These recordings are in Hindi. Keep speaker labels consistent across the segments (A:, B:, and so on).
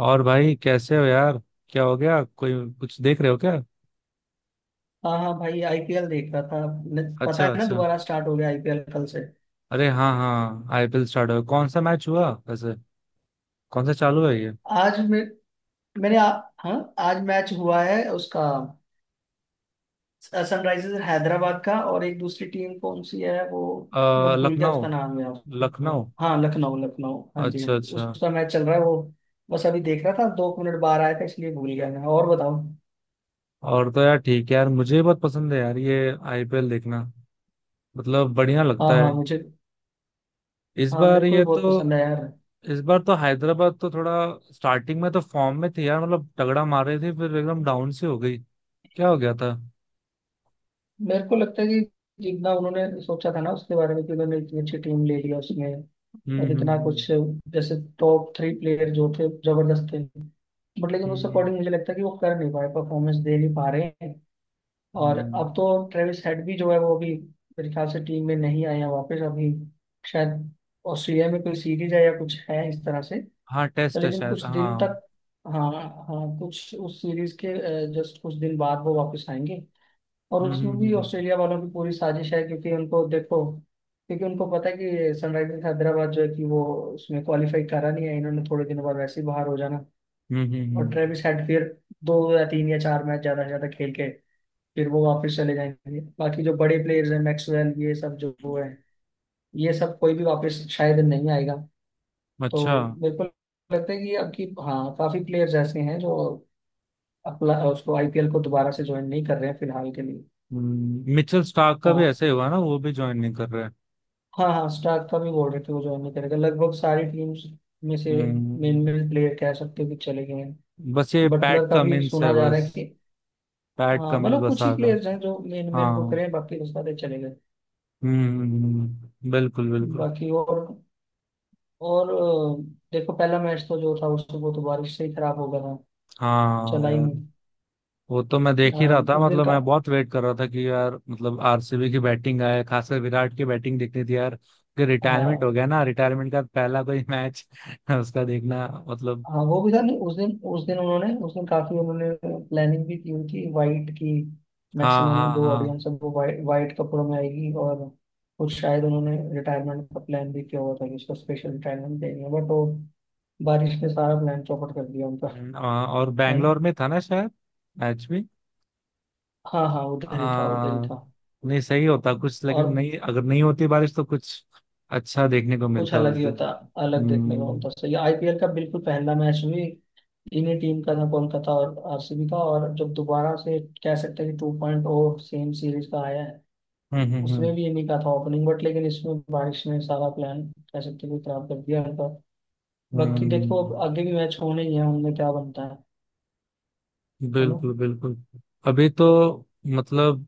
A: और भाई कैसे हो यार। क्या हो गया? कोई कुछ देख रहे हो क्या?
B: हाँ हाँ, भाई आईपीएल देख रहा था। पता
A: अच्छा
B: है ना,
A: अच्छा।
B: दोबारा स्टार्ट हो गया आईपीएल कल से।
A: अरे हाँ हाँ, आईपीएल स्टार्ट हो, कौन सा मैच हुआ वैसे? कौन सा चालू है ये?
B: आज मैं मैंने आ, हाँ, आज मैच हुआ है उसका। सनराइजर्स हैदराबाद का और एक दूसरी टीम कौन सी है वो। मैं भूल गया
A: लखनऊ
B: उसका नाम यार। हाँ
A: लखनऊ।
B: हाँ, लखनऊ लखनऊ, हाँ जी हाँ
A: अच्छा
B: जी,
A: अच्छा।
B: उसका मैच चल रहा है वो। बस अभी देख रहा था, 2 मिनट बाहर आया था इसलिए भूल गया मैं। और बताओ।
A: और तो यार ठीक है यार, मुझे भी बहुत पसंद है यार ये आईपीएल देखना। मतलब बढ़िया
B: हाँ
A: लगता
B: हाँ,
A: है।
B: मुझे
A: इस
B: हाँ,
A: बार
B: मेरे को भी
A: ये
B: बहुत
A: तो
B: पसंद है यार।
A: इस बार तो हैदराबाद तो थोड़ा स्टार्टिंग में तो फॉर्म में थी यार, मतलब तगड़ा मार रही थी, फिर एकदम डाउन सी हो गई। क्या हो गया था?
B: मेरे को लगता है कि, जितना उन्होंने सोचा था ना उसके बारे में, कि उन्होंने इतनी अच्छी टीम ले लिया उसमें।
A: हम्म।
B: और इतना
A: हम्म।
B: कुछ, जैसे टॉप 3 प्लेयर जो थे, जबरदस्त थे। बट लेकिन
A: हम्म।
B: उस
A: हम्म,
B: अकॉर्डिंग मुझे लगता है कि वो कर नहीं पाए, परफॉर्मेंस दे नहीं पा रहे हैं। और
A: हम्म।
B: अब तो ट्रेविस हेड भी जो है, वो अभी मेरे ख्याल से टीम में नहीं आए हैं वापस। अभी शायद ऑस्ट्रेलिया में कोई सीरीज है या कुछ है इस तरह से।
A: हाँ
B: तो
A: टेस्ट है
B: लेकिन
A: शायद,
B: कुछ दिन
A: हाँ।
B: तक। हाँ। हाँ, कुछ उस सीरीज के जस्ट कुछ दिन बाद वो वापस आएंगे। और
A: हम्म।
B: उसमें भी
A: हम्म।
B: ऑस्ट्रेलिया वालों की पूरी साजिश है, क्योंकि उनको देखो, क्योंकि उनको पता है कि सनराइजर्स हैदराबाद जो है कि वो उसमें क्वालिफाई करा नहीं है। इन्होंने थोड़े दिनों बाद वैसे ही बाहर हो जाना।
A: हम्म। हम्म।
B: और ट्रेविस हेड फिर 2 या 3 या 4 मैच ज्यादा से ज्यादा खेल के, फिर वो वापस चले जाएंगे। बाकी जो बड़े प्लेयर्स हैं, मैक्सवेल, ये सब जो वो है, ये सब कोई भी वापस शायद नहीं आएगा। तो
A: अच्छा।
B: मेरे को लगता है कि अब की, हाँ, काफी प्लेयर्स ऐसे हैं जो अपना उसको आईपीएल को दोबारा से ज्वाइन नहीं कर रहे हैं फिलहाल के लिए।
A: मिचेल स्टार्क का भी
B: हाँ।
A: ऐसे ही हुआ ना, वो भी ज्वाइन नहीं कर रहे।
B: हाँ हाँ, स्टार्क का भी बोल रहे थे वो ज्वाइन नहीं करेगा। लगभग सारी टीम्स में से मेन
A: हम्म,
B: मेन प्लेयर कह सकते हो कि चले गए हैं।
A: बस ये पैट
B: बटलर का भी
A: कमिंस है
B: सुना जा रहा
A: बस।
B: है कि।
A: पैट
B: हाँ,
A: कमिंस
B: मतलब
A: बस
B: कुछ ही
A: आ गया।
B: प्लेयर्स हैं जो मेन
A: हाँ
B: मेन को
A: हम्म।
B: करें, बाकी तो सारे चले गए।
A: बिल्कुल बिल्कुल।
B: बाकी, और अ, देखो, पहला मैच तो जो था उससे वो तो बारिश से ही खराब हो गया था,
A: हाँ
B: चला ही
A: यार,
B: नहीं।
A: वो तो मैं
B: अ,
A: देख ही रहा था,
B: उस दिन
A: मतलब
B: का।
A: मैं बहुत वेट कर रहा था कि यार मतलब आरसीबी की बैटिंग आए, खासकर विराट की बैटिंग देखनी थी यार, कि रिटायरमेंट हो
B: हाँ
A: गया ना, रिटायरमेंट का पहला कोई मैच उसका देखना मतलब।
B: हाँ, वो भी था नहीं उस दिन। उस दिन उन्होंने, उस दिन काफी उन्होंने प्लानिंग भी की उनकी वाइट की।
A: हाँ
B: मैक्सिमम
A: हाँ
B: जो
A: हाँ।
B: ऑडियंस है वो वाइट वाइट कपड़ों में आएगी, और कुछ शायद उन्होंने रिटायरमेंट का प्लान भी किया हुआ था कि इसको स्पेशल रिटायरमेंट देंगे, बट वो बारिश ने सारा प्लान चौपट कर दिया उनका।
A: और
B: है ना।
A: बैंगलोर में था ना शायद मैच भी।
B: हाँ हाँ, उधर ही था उधर ही
A: आ,
B: था।
A: नहीं सही होता कुछ,
B: और
A: लेकिन नहीं, अगर नहीं होती बारिश तो कुछ अच्छा देखने को
B: कुछ
A: मिलता उस
B: अलग ही
A: दिन।
B: होता। अलग देखने को
A: हम्म
B: होता सही, आईपीएल का बिल्कुल पहला मैच भी। तीनों टीम का था, कोलकाता और आरसीबी का, और जब दोबारा से कह सकते हैं कि टू पॉइंट सेम सीरीज का आया है,
A: हम्म।
B: उसमें भी इन्हीं का था ओपनिंग, बट लेकिन इसमें बारिश ने सारा प्लान, कह सकते हैं कि, खराब कर दिया इनका। बाकी देखो, अब
A: हम्म,
B: आगे भी मैच होने ही है, उनमें क्या बनता है ना।
A: बिल्कुल बिल्कुल। अभी तो मतलब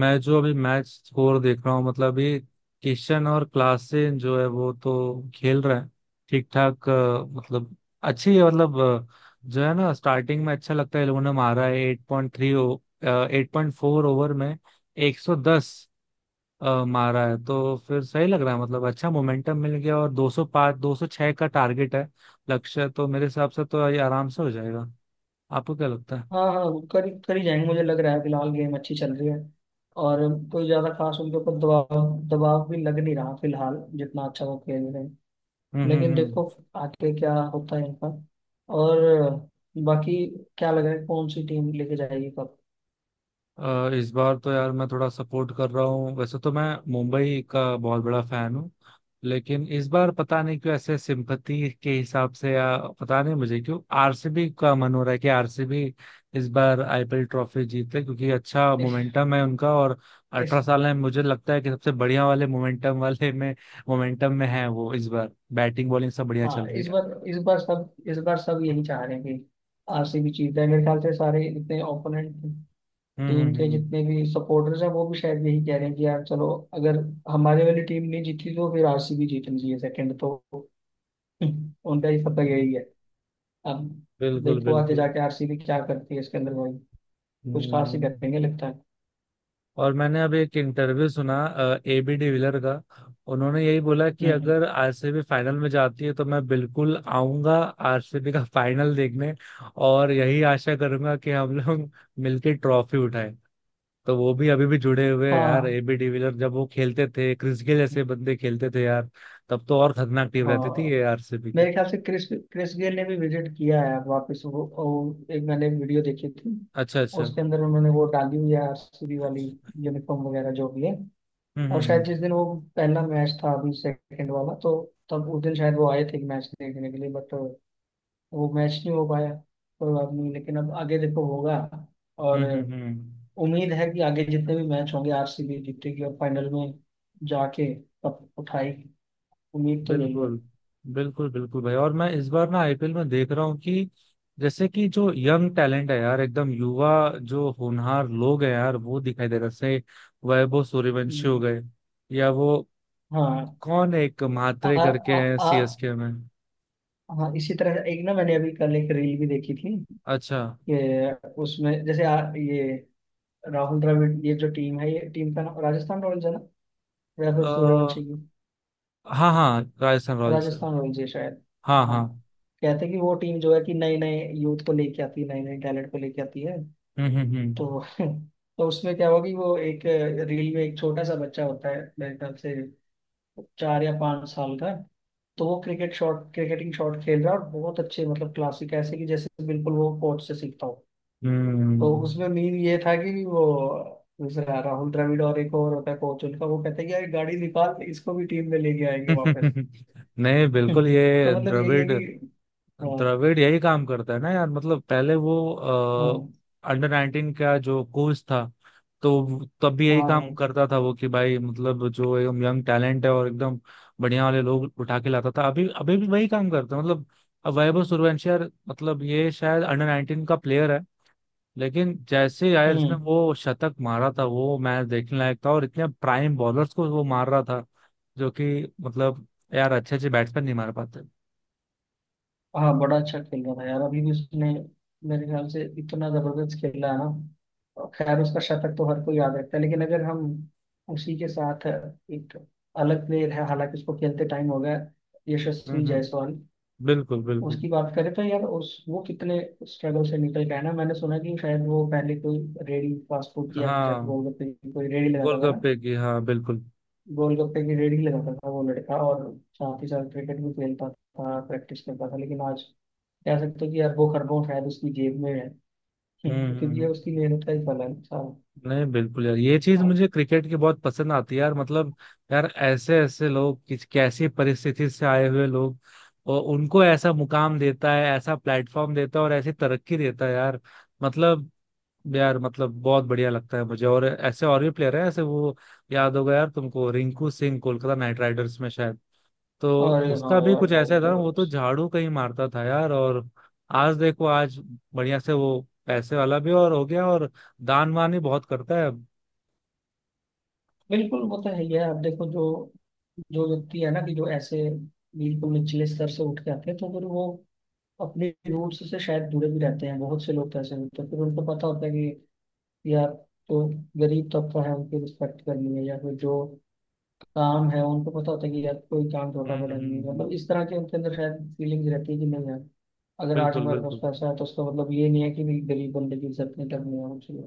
A: मैं जो अभी मैच स्कोर देख रहा हूँ, मतलब ये किशन और क्लासेन जो है वो तो खेल रहे हैं ठीक ठाक, मतलब अच्छी है मतलब, जो है ना स्टार्टिंग में अच्छा लगता है। इन लोगों ने मारा है 8.3 8.4 ओवर में 110, मारा है तो फिर सही लग रहा है, मतलब अच्छा मोमेंटम मिल गया, और 205 206 का टारगेट है। लक्ष्य तो मेरे हिसाब से तो ये आराम से हो जाएगा। आपको क्या लगता है?
B: हाँ हाँ, कर कर ही जाएंगे मुझे लग रहा है। फिलहाल गेम अच्छी चल रही है। और कोई ज्यादा खास उनके ऊपर दबाव दबाव भी लग नहीं रहा फिलहाल, जितना अच्छा वो खेल रहे हैं। लेकिन
A: हम्म।
B: देखो आगे क्या होता है इनका। और बाकी क्या लग रहा है, कौन सी टीम लेके जाएगी कप।
A: इस बार तो यार मैं थोड़ा सपोर्ट कर रहा हूँ, वैसे तो मैं मुंबई का बहुत बड़ा फैन हूँ, लेकिन इस बार पता नहीं क्यों, ऐसे सिंपथी के हिसाब से या पता नहीं मुझे क्यों आरसीबी का मन हो रहा है कि आरसीबी इस बार आईपीएल ट्रॉफी जीते, क्योंकि अच्छा
B: इस,
A: मोमेंटम है उनका, और
B: इस
A: 18 साल है। मुझे लगता है कि सबसे बढ़िया वाले मोमेंटम वाले में मोमेंटम में है वो। इस बार बैटिंग बॉलिंग सब बढ़िया
B: हाँ,
A: चल रही है।
B: इस बार सब यही चाह रहे हैं कि आरसीबी जीत जाए। मेरे ख्याल से सारे इतने ओपोनेंट
A: हम्म
B: टीम के
A: हम्म
B: जितने भी सपोर्टर्स हैं, वो भी शायद यही कह रहे हैं कि यार चलो, अगर हमारे वाली टीम नहीं जीती तो फिर आरसीबी जीतनी चाहिए। सेकंड तो उनका ही
A: हम्म।
B: फतह यही है। अब
A: बिल्कुल
B: देखो आगे
A: बिल्कुल।
B: जाके आरसीबी क्या करती है इसके अंदर भाई। कुछ खास ही
A: हम्म।
B: करेंगे लगता है।
A: और मैंने अब एक इंटरव्यू सुना ए बी डिविलियर का। उन्होंने यही बोला कि
B: हम्म।
A: अगर आरसीबी फाइनल में जाती है तो मैं बिल्कुल आऊंगा आरसीबी का फाइनल देखने, और यही आशा करूंगा कि हम लोग मिलके ट्रॉफी उठाएं। तो वो भी अभी भी जुड़े हुए हैं यार
B: हाँ
A: एबी डिविलियर। जब वो खेलते थे, क्रिस गेल जैसे बंदे खेलते थे यार, तब तो और खतरनाक टीम रहती थी
B: हाँ,
A: ये आरसीबी की।
B: मेरे ख्याल से क्रिस क्रिस गेल ने भी विजिट किया है वापस। वो एक, मैंने वीडियो देखी थी।
A: अच्छा अच्छा।
B: उसके अंदर उन्होंने वो डाली हुई है आरसीबी
A: हम्म
B: वाली यूनिफॉर्म वगैरह जो भी है।
A: हम्म
B: और शायद
A: हम्म
B: जिस दिन वो पहला मैच था, अभी सेकंड वाला, तो तब उस दिन शायद वो आए थे मैच देखने के लिए, बट वो मैच नहीं हो पाया। कोई बात नहीं, लेकिन अब आगे देखो होगा।
A: हम्म
B: और
A: हम्म हम्म।
B: उम्मीद है कि आगे जितने भी मैच होंगे आरसीबी जीतेगी और फाइनल में जाके कप उठाएगी। उम्मीद तो यही
A: बिल्कुल बिल्कुल बिल्कुल भाई। और मैं इस बार ना आईपीएल में देख रहा हूँ कि जैसे कि जो यंग टैलेंट है यार, एकदम युवा, जो होनहार लोग हैं यार वो दिखाई दे रहे हैं। जैसे वैभव सूर्यवंशी हो
B: है।
A: गए, या वो
B: हाँ।
A: कौन है, एक
B: आ,
A: म्हात्रे
B: आ,
A: करके हैं
B: आ,
A: सीएसके में।
B: हाँ, इसी तरह एक ना मैंने अभी कल एक रील भी देखी थी।
A: अच्छा।
B: कि उसमें जैसे ये राहुल द्रविड़, ये जो टीम है, ये टीम का नाम राजस्थान रॉयल्स है ना। या फिर
A: अ
B: सूर्यवंशी की,
A: हाँ हाँ राजस्थान रॉयल्स।
B: राजस्थान रॉयल्स है शायद।
A: हाँ हाँ।
B: हाँ। कहते हैं कि वो टीम जो है कि नए नए यूथ को लेके आती है, नए नए टैलेंट को लेके आती है।
A: हम्म हम्म
B: तो तो उसमें क्या होगी, वो एक रील में एक छोटा सा बच्चा होता है, मेरे ख्याल से 4 या 5 साल का है। तो वो क्रिकेटिंग शॉट खेल रहा है, और बहुत अच्छे, मतलब क्लासिक, ऐसे कि जैसे बिल्कुल वो कोच से सीखता हो। तो उसमें
A: हम्म।
B: मीम ये था कि वो दूसरा राहुल द्रविड़, और एक और होता है कोच उनका, वो कहते हैं कि यार गाड़ी निकाल, इसको भी टीम में लेके आएंगे वापस।
A: नहीं बिल्कुल
B: तो
A: ये
B: मतलब यही है
A: द्रविड़,
B: कि। हाँ
A: द्रविड़ यही काम करता है ना यार, मतलब पहले वो
B: हाँ
A: अंडर 19 का जो कोच था, तो तब भी यही
B: हाँ
A: काम
B: हाँ,
A: करता था वो, कि भाई मतलब जो एकदम यंग टैलेंट है और एकदम बढ़िया वाले लोग उठा के लाता था। अभी अभी भी वही काम करता है मतलब। अब वैभव सूर्यवंशी यार, मतलब ये शायद अंडर 19 का प्लेयर है, लेकिन जैसे यार इसने
B: हम्म।
A: वो शतक मारा था, वो मैच देखने लायक था। और इतने प्राइम बॉलर्स को वो मार रहा था, जो कि मतलब यार अच्छे अच्छे बैट्समैन नहीं मार पाते।
B: हाँ, बड़ा अच्छा खेल रहा था यार, अभी भी उसने मेरे ख्याल से इतना जबरदस्त खेला है ना। और खैर उसका शतक तो हर कोई याद रखता है, लेकिन अगर हम उसी के साथ, एक अलग प्लेयर है हालांकि उसको खेलते टाइम हो गया, यशस्वी
A: हम्म,
B: जायसवाल,
A: बिल्कुल बिल्कुल।
B: उसकी बात करें तो यार, उस वो कितने स्ट्रगल से निकल गया ना। मैंने सुना कि शायद वो पहले कोई रेडी, फास्ट फूड की या फिर शायद
A: हाँ
B: गोलगप्पे की कोई रेडी लगाता था ना।
A: गोलगप्पे की, हाँ बिल्कुल।
B: गोलगप्पे की रेडी लगाता था वो लड़का, और साथ ही साथ क्रिकेट भी खेलता था, प्रैक्टिस करता था। लेकिन आज कह सकते हो कि यार वो खरगोश शायद उसकी जेब में है।
A: हम्म,
B: क्योंकि
A: हम्म।
B: ये
A: हम्म।
B: उसकी मेहनत का ही फल है। हाँ।
A: नहीं बिल्कुल यार, ये चीज
B: हाँ।
A: मुझे क्रिकेट की बहुत पसंद आती है यार, मतलब यार ऐसे ऐसे लोग, किस कैसी परिस्थिति से आए हुए लोग, और उनको ऐसा मुकाम देता है, ऐसा प्लेटफॉर्म देता है और ऐसी तरक्की देता है यार, मतलब यार मतलब बहुत बढ़िया लगता है मुझे। और ऐसे और भी प्लेयर है ऐसे, वो याद होगा यार तुमको, रिंकू सिंह, कोलकाता नाइट राइडर्स में शायद। तो
B: अरे हाँ
A: उसका भी
B: यार
A: कुछ
B: भाई,
A: ऐसा था, वो तो
B: जबरदस्त।
A: झाड़ू कहीं मारता था यार, और आज देखो आज बढ़िया से वो पैसे वाला भी और हो गया, और दान वान ही बहुत करता है अब।
B: बिल्कुल वो तो है ही है। आप देखो, जो जो व्यक्ति है ना कि जो ऐसे बिल्कुल निचले स्तर से उठ के आते हैं, तो फिर वो अपने रूट्स से शायद जुड़े भी रहते हैं। बहुत से लोग तो ऐसे होते हैं, फिर उनको पता होता है कि यार, तो गरीब तबका है, उनकी रिस्पेक्ट करनी है। या फिर जो काम है, उनको पता होता है कि यार, कोई काम छोटा
A: हम्म
B: बड़ा नहीं
A: हम्म,
B: है,
A: हम्म।
B: मतलब इस तरह की उनके अंदर शायद फीलिंग्स रहती है कि, नहीं यार, अगर आज
A: बिल्कुल
B: हमारे पास
A: बिल्कुल।
B: पैसा है तो उसका मतलब ये नहीं है कि भी गरीब बंदे की इज्जत नहीं करनी है मुझे।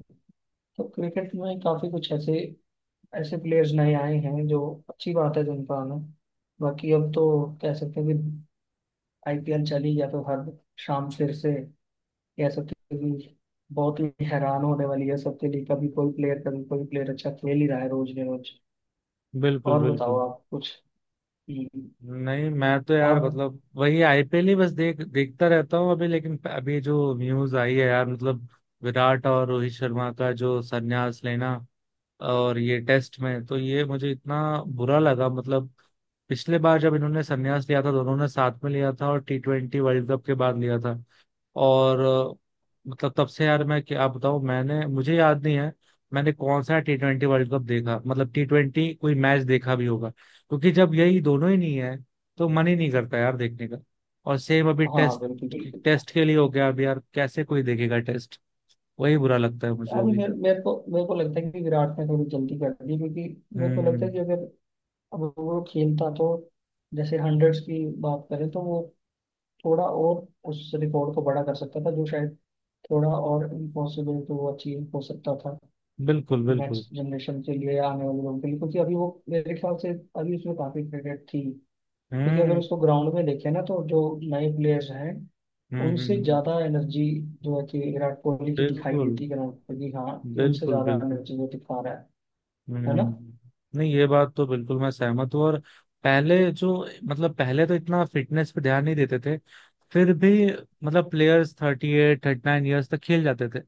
B: तो क्रिकेट में काफी कुछ ऐसे ऐसे प्लेयर्स नए आए हैं जो, अच्छी बात है जिनका आना। बाकी अब तो कह सकते हैं कि आईपीएल चल ही गया, तो हर शाम फिर से कह सकते हैं कि बहुत ही हैरान होने वाली है सबके लिए। कभी कोई प्लेयर कभी कोई प्लेयर अच्छा खेल ही रहा है रोज ने रोज।
A: बिल्कुल
B: और बताओ
A: बिल्कुल।
B: आप कुछ। हम्म।
A: नहीं मैं तो यार
B: आप।
A: मतलब वही आईपीएल ही बस देख देखता रहता हूँ अभी, लेकिन अभी जो न्यूज आई है यार, मतलब विराट और रोहित शर्मा का जो संन्यास लेना और ये टेस्ट में, तो ये मुझे इतना बुरा लगा मतलब। पिछले बार जब इन्होंने संन्यास लिया था, दोनों ने साथ में लिया था और T20 वर्ल्ड कप के बाद लिया था, और मतलब तब से यार मैं क्या बताऊं, मैंने मुझे याद नहीं है मैंने कौन सा T20 वर्ल्ड कप देखा, मतलब T20 कोई मैच देखा भी होगा, क्योंकि जब यही दोनों ही नहीं है तो मन ही नहीं करता यार देखने का। और सेम अभी
B: हाँ
A: टेस्ट,
B: बिल्कुल बिल्कुल।
A: टेस्ट के लिए हो गया। अब यार कैसे कोई देखेगा टेस्ट? वही बुरा लगता है मुझे
B: अभी
A: अभी।
B: मेरे मेरे को लगता है कि विराट ने थोड़ी जल्दी कर दी, क्योंकि मेरे को लगता
A: हम्म।
B: है कि अगर अब वो खेलता तो, जैसे हंड्रेड्स की बात करें, तो वो थोड़ा और उस रिकॉर्ड को बड़ा कर सकता था, जो शायद थोड़ा और इम्पॉसिबल तो वो अचीव हो सकता था
A: बिल्कुल बिल्कुल।
B: नेक्स्ट जनरेशन के लिए या आने वाले लोगों के लिए। क्योंकि अभी वो मेरे ख्याल से, अभी उसमें काफी क्रिकेट थी। क्योंकि अगर
A: हम्म
B: उसको ग्राउंड में देखें ना, तो जो नए प्लेयर्स हैं
A: हम्म हम्म,
B: उनसे
A: हम्म।
B: ज्यादा एनर्जी जो है कि विराट कोहली की दिखाई
A: बिल्कुल
B: देती है ग्राउंड पर, कि हाँ कि उनसे
A: बिल्कुल
B: ज्यादा
A: बिल्कुल।
B: एनर्जी वो दिखा रहा है ना।
A: हम्म। नहीं ये बात तो बिल्कुल मैं सहमत हूँ। और पहले जो मतलब पहले तो इतना फिटनेस पे ध्यान नहीं देते थे, फिर भी मतलब प्लेयर्स 38 39 ईयर्स तक खेल जाते थे।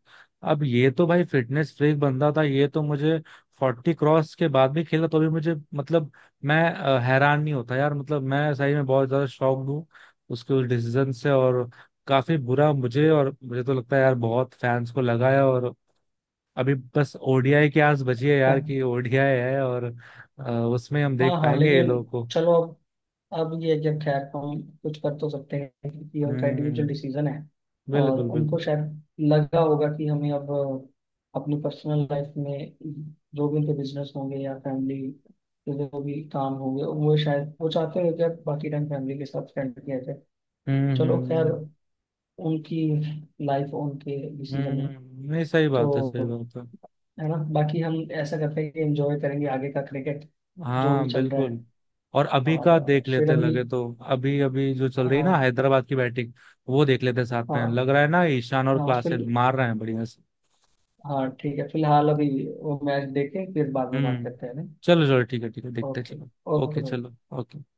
A: अब ये तो भाई फिटनेस फ्रीक बंदा था, ये तो मुझे 40 क्रॉस के बाद भी खेला तो भी मुझे मतलब मैं हैरान नहीं होता यार, मतलब मैं सही में बहुत ज्यादा शॉक्ड हूँ उसके उस डिसीजन से। और काफी बुरा मुझे, और मुझे तो लगता है यार बहुत फैंस को लगा है। और अभी बस ओडीआई की आस बची है
B: है।
A: यार, कि ओडीआई है, और उसमें हम
B: हाँ
A: देख
B: हाँ,
A: पाएंगे ये
B: लेकिन
A: लोगों को।
B: चलो, अब ये है कि, खैर हम कुछ कर तो सकते हैं, कि ये उनका इंडिविजुअल
A: हम्म
B: डिसीजन है। और
A: बिल्कुल
B: उनको
A: बिल्कुल।
B: शायद लगा होगा कि हमें अब अपनी पर्सनल लाइफ में, जो भी उनके बिजनेस होंगे या फैमिली के जो भी काम होंगे, वो शायद वो चाहते हो कि अब बाकी टाइम फैमिली के साथ स्पेंड किया जाए।
A: हम्म
B: चलो खैर,
A: हम्म
B: उनकी लाइफ उनके डिसीजन है,
A: हम्म, नहीं सही बात है सही
B: तो
A: बात है।
B: है ना, बाकी हम ऐसा करते हैं कि एंजॉय करेंगे आगे का क्रिकेट, जो भी
A: हाँ
B: चल रहा
A: बिल्कुल।
B: है।
A: और अभी का
B: और
A: देख
B: फिर
A: लेते
B: अभी।
A: लगे तो अभी अभी जो चल रही है ना
B: हाँ
A: हैदराबाद की बैटिंग, वो देख लेते साथ में,
B: हाँ
A: लग रहा है ना ईशान और
B: हाँ, फिल
A: क्लासेन मार रहे हैं बढ़िया से।
B: हाँ ठीक है, फिलहाल अभी वो मैच देखें, फिर बाद में बात
A: हम्म।
B: करते हैं ना।
A: चलो चलो, ठीक है ठीक है, देखते हैं,
B: ओके।
A: चलो।
B: ओके
A: ओके
B: भाई।
A: चलो ओके।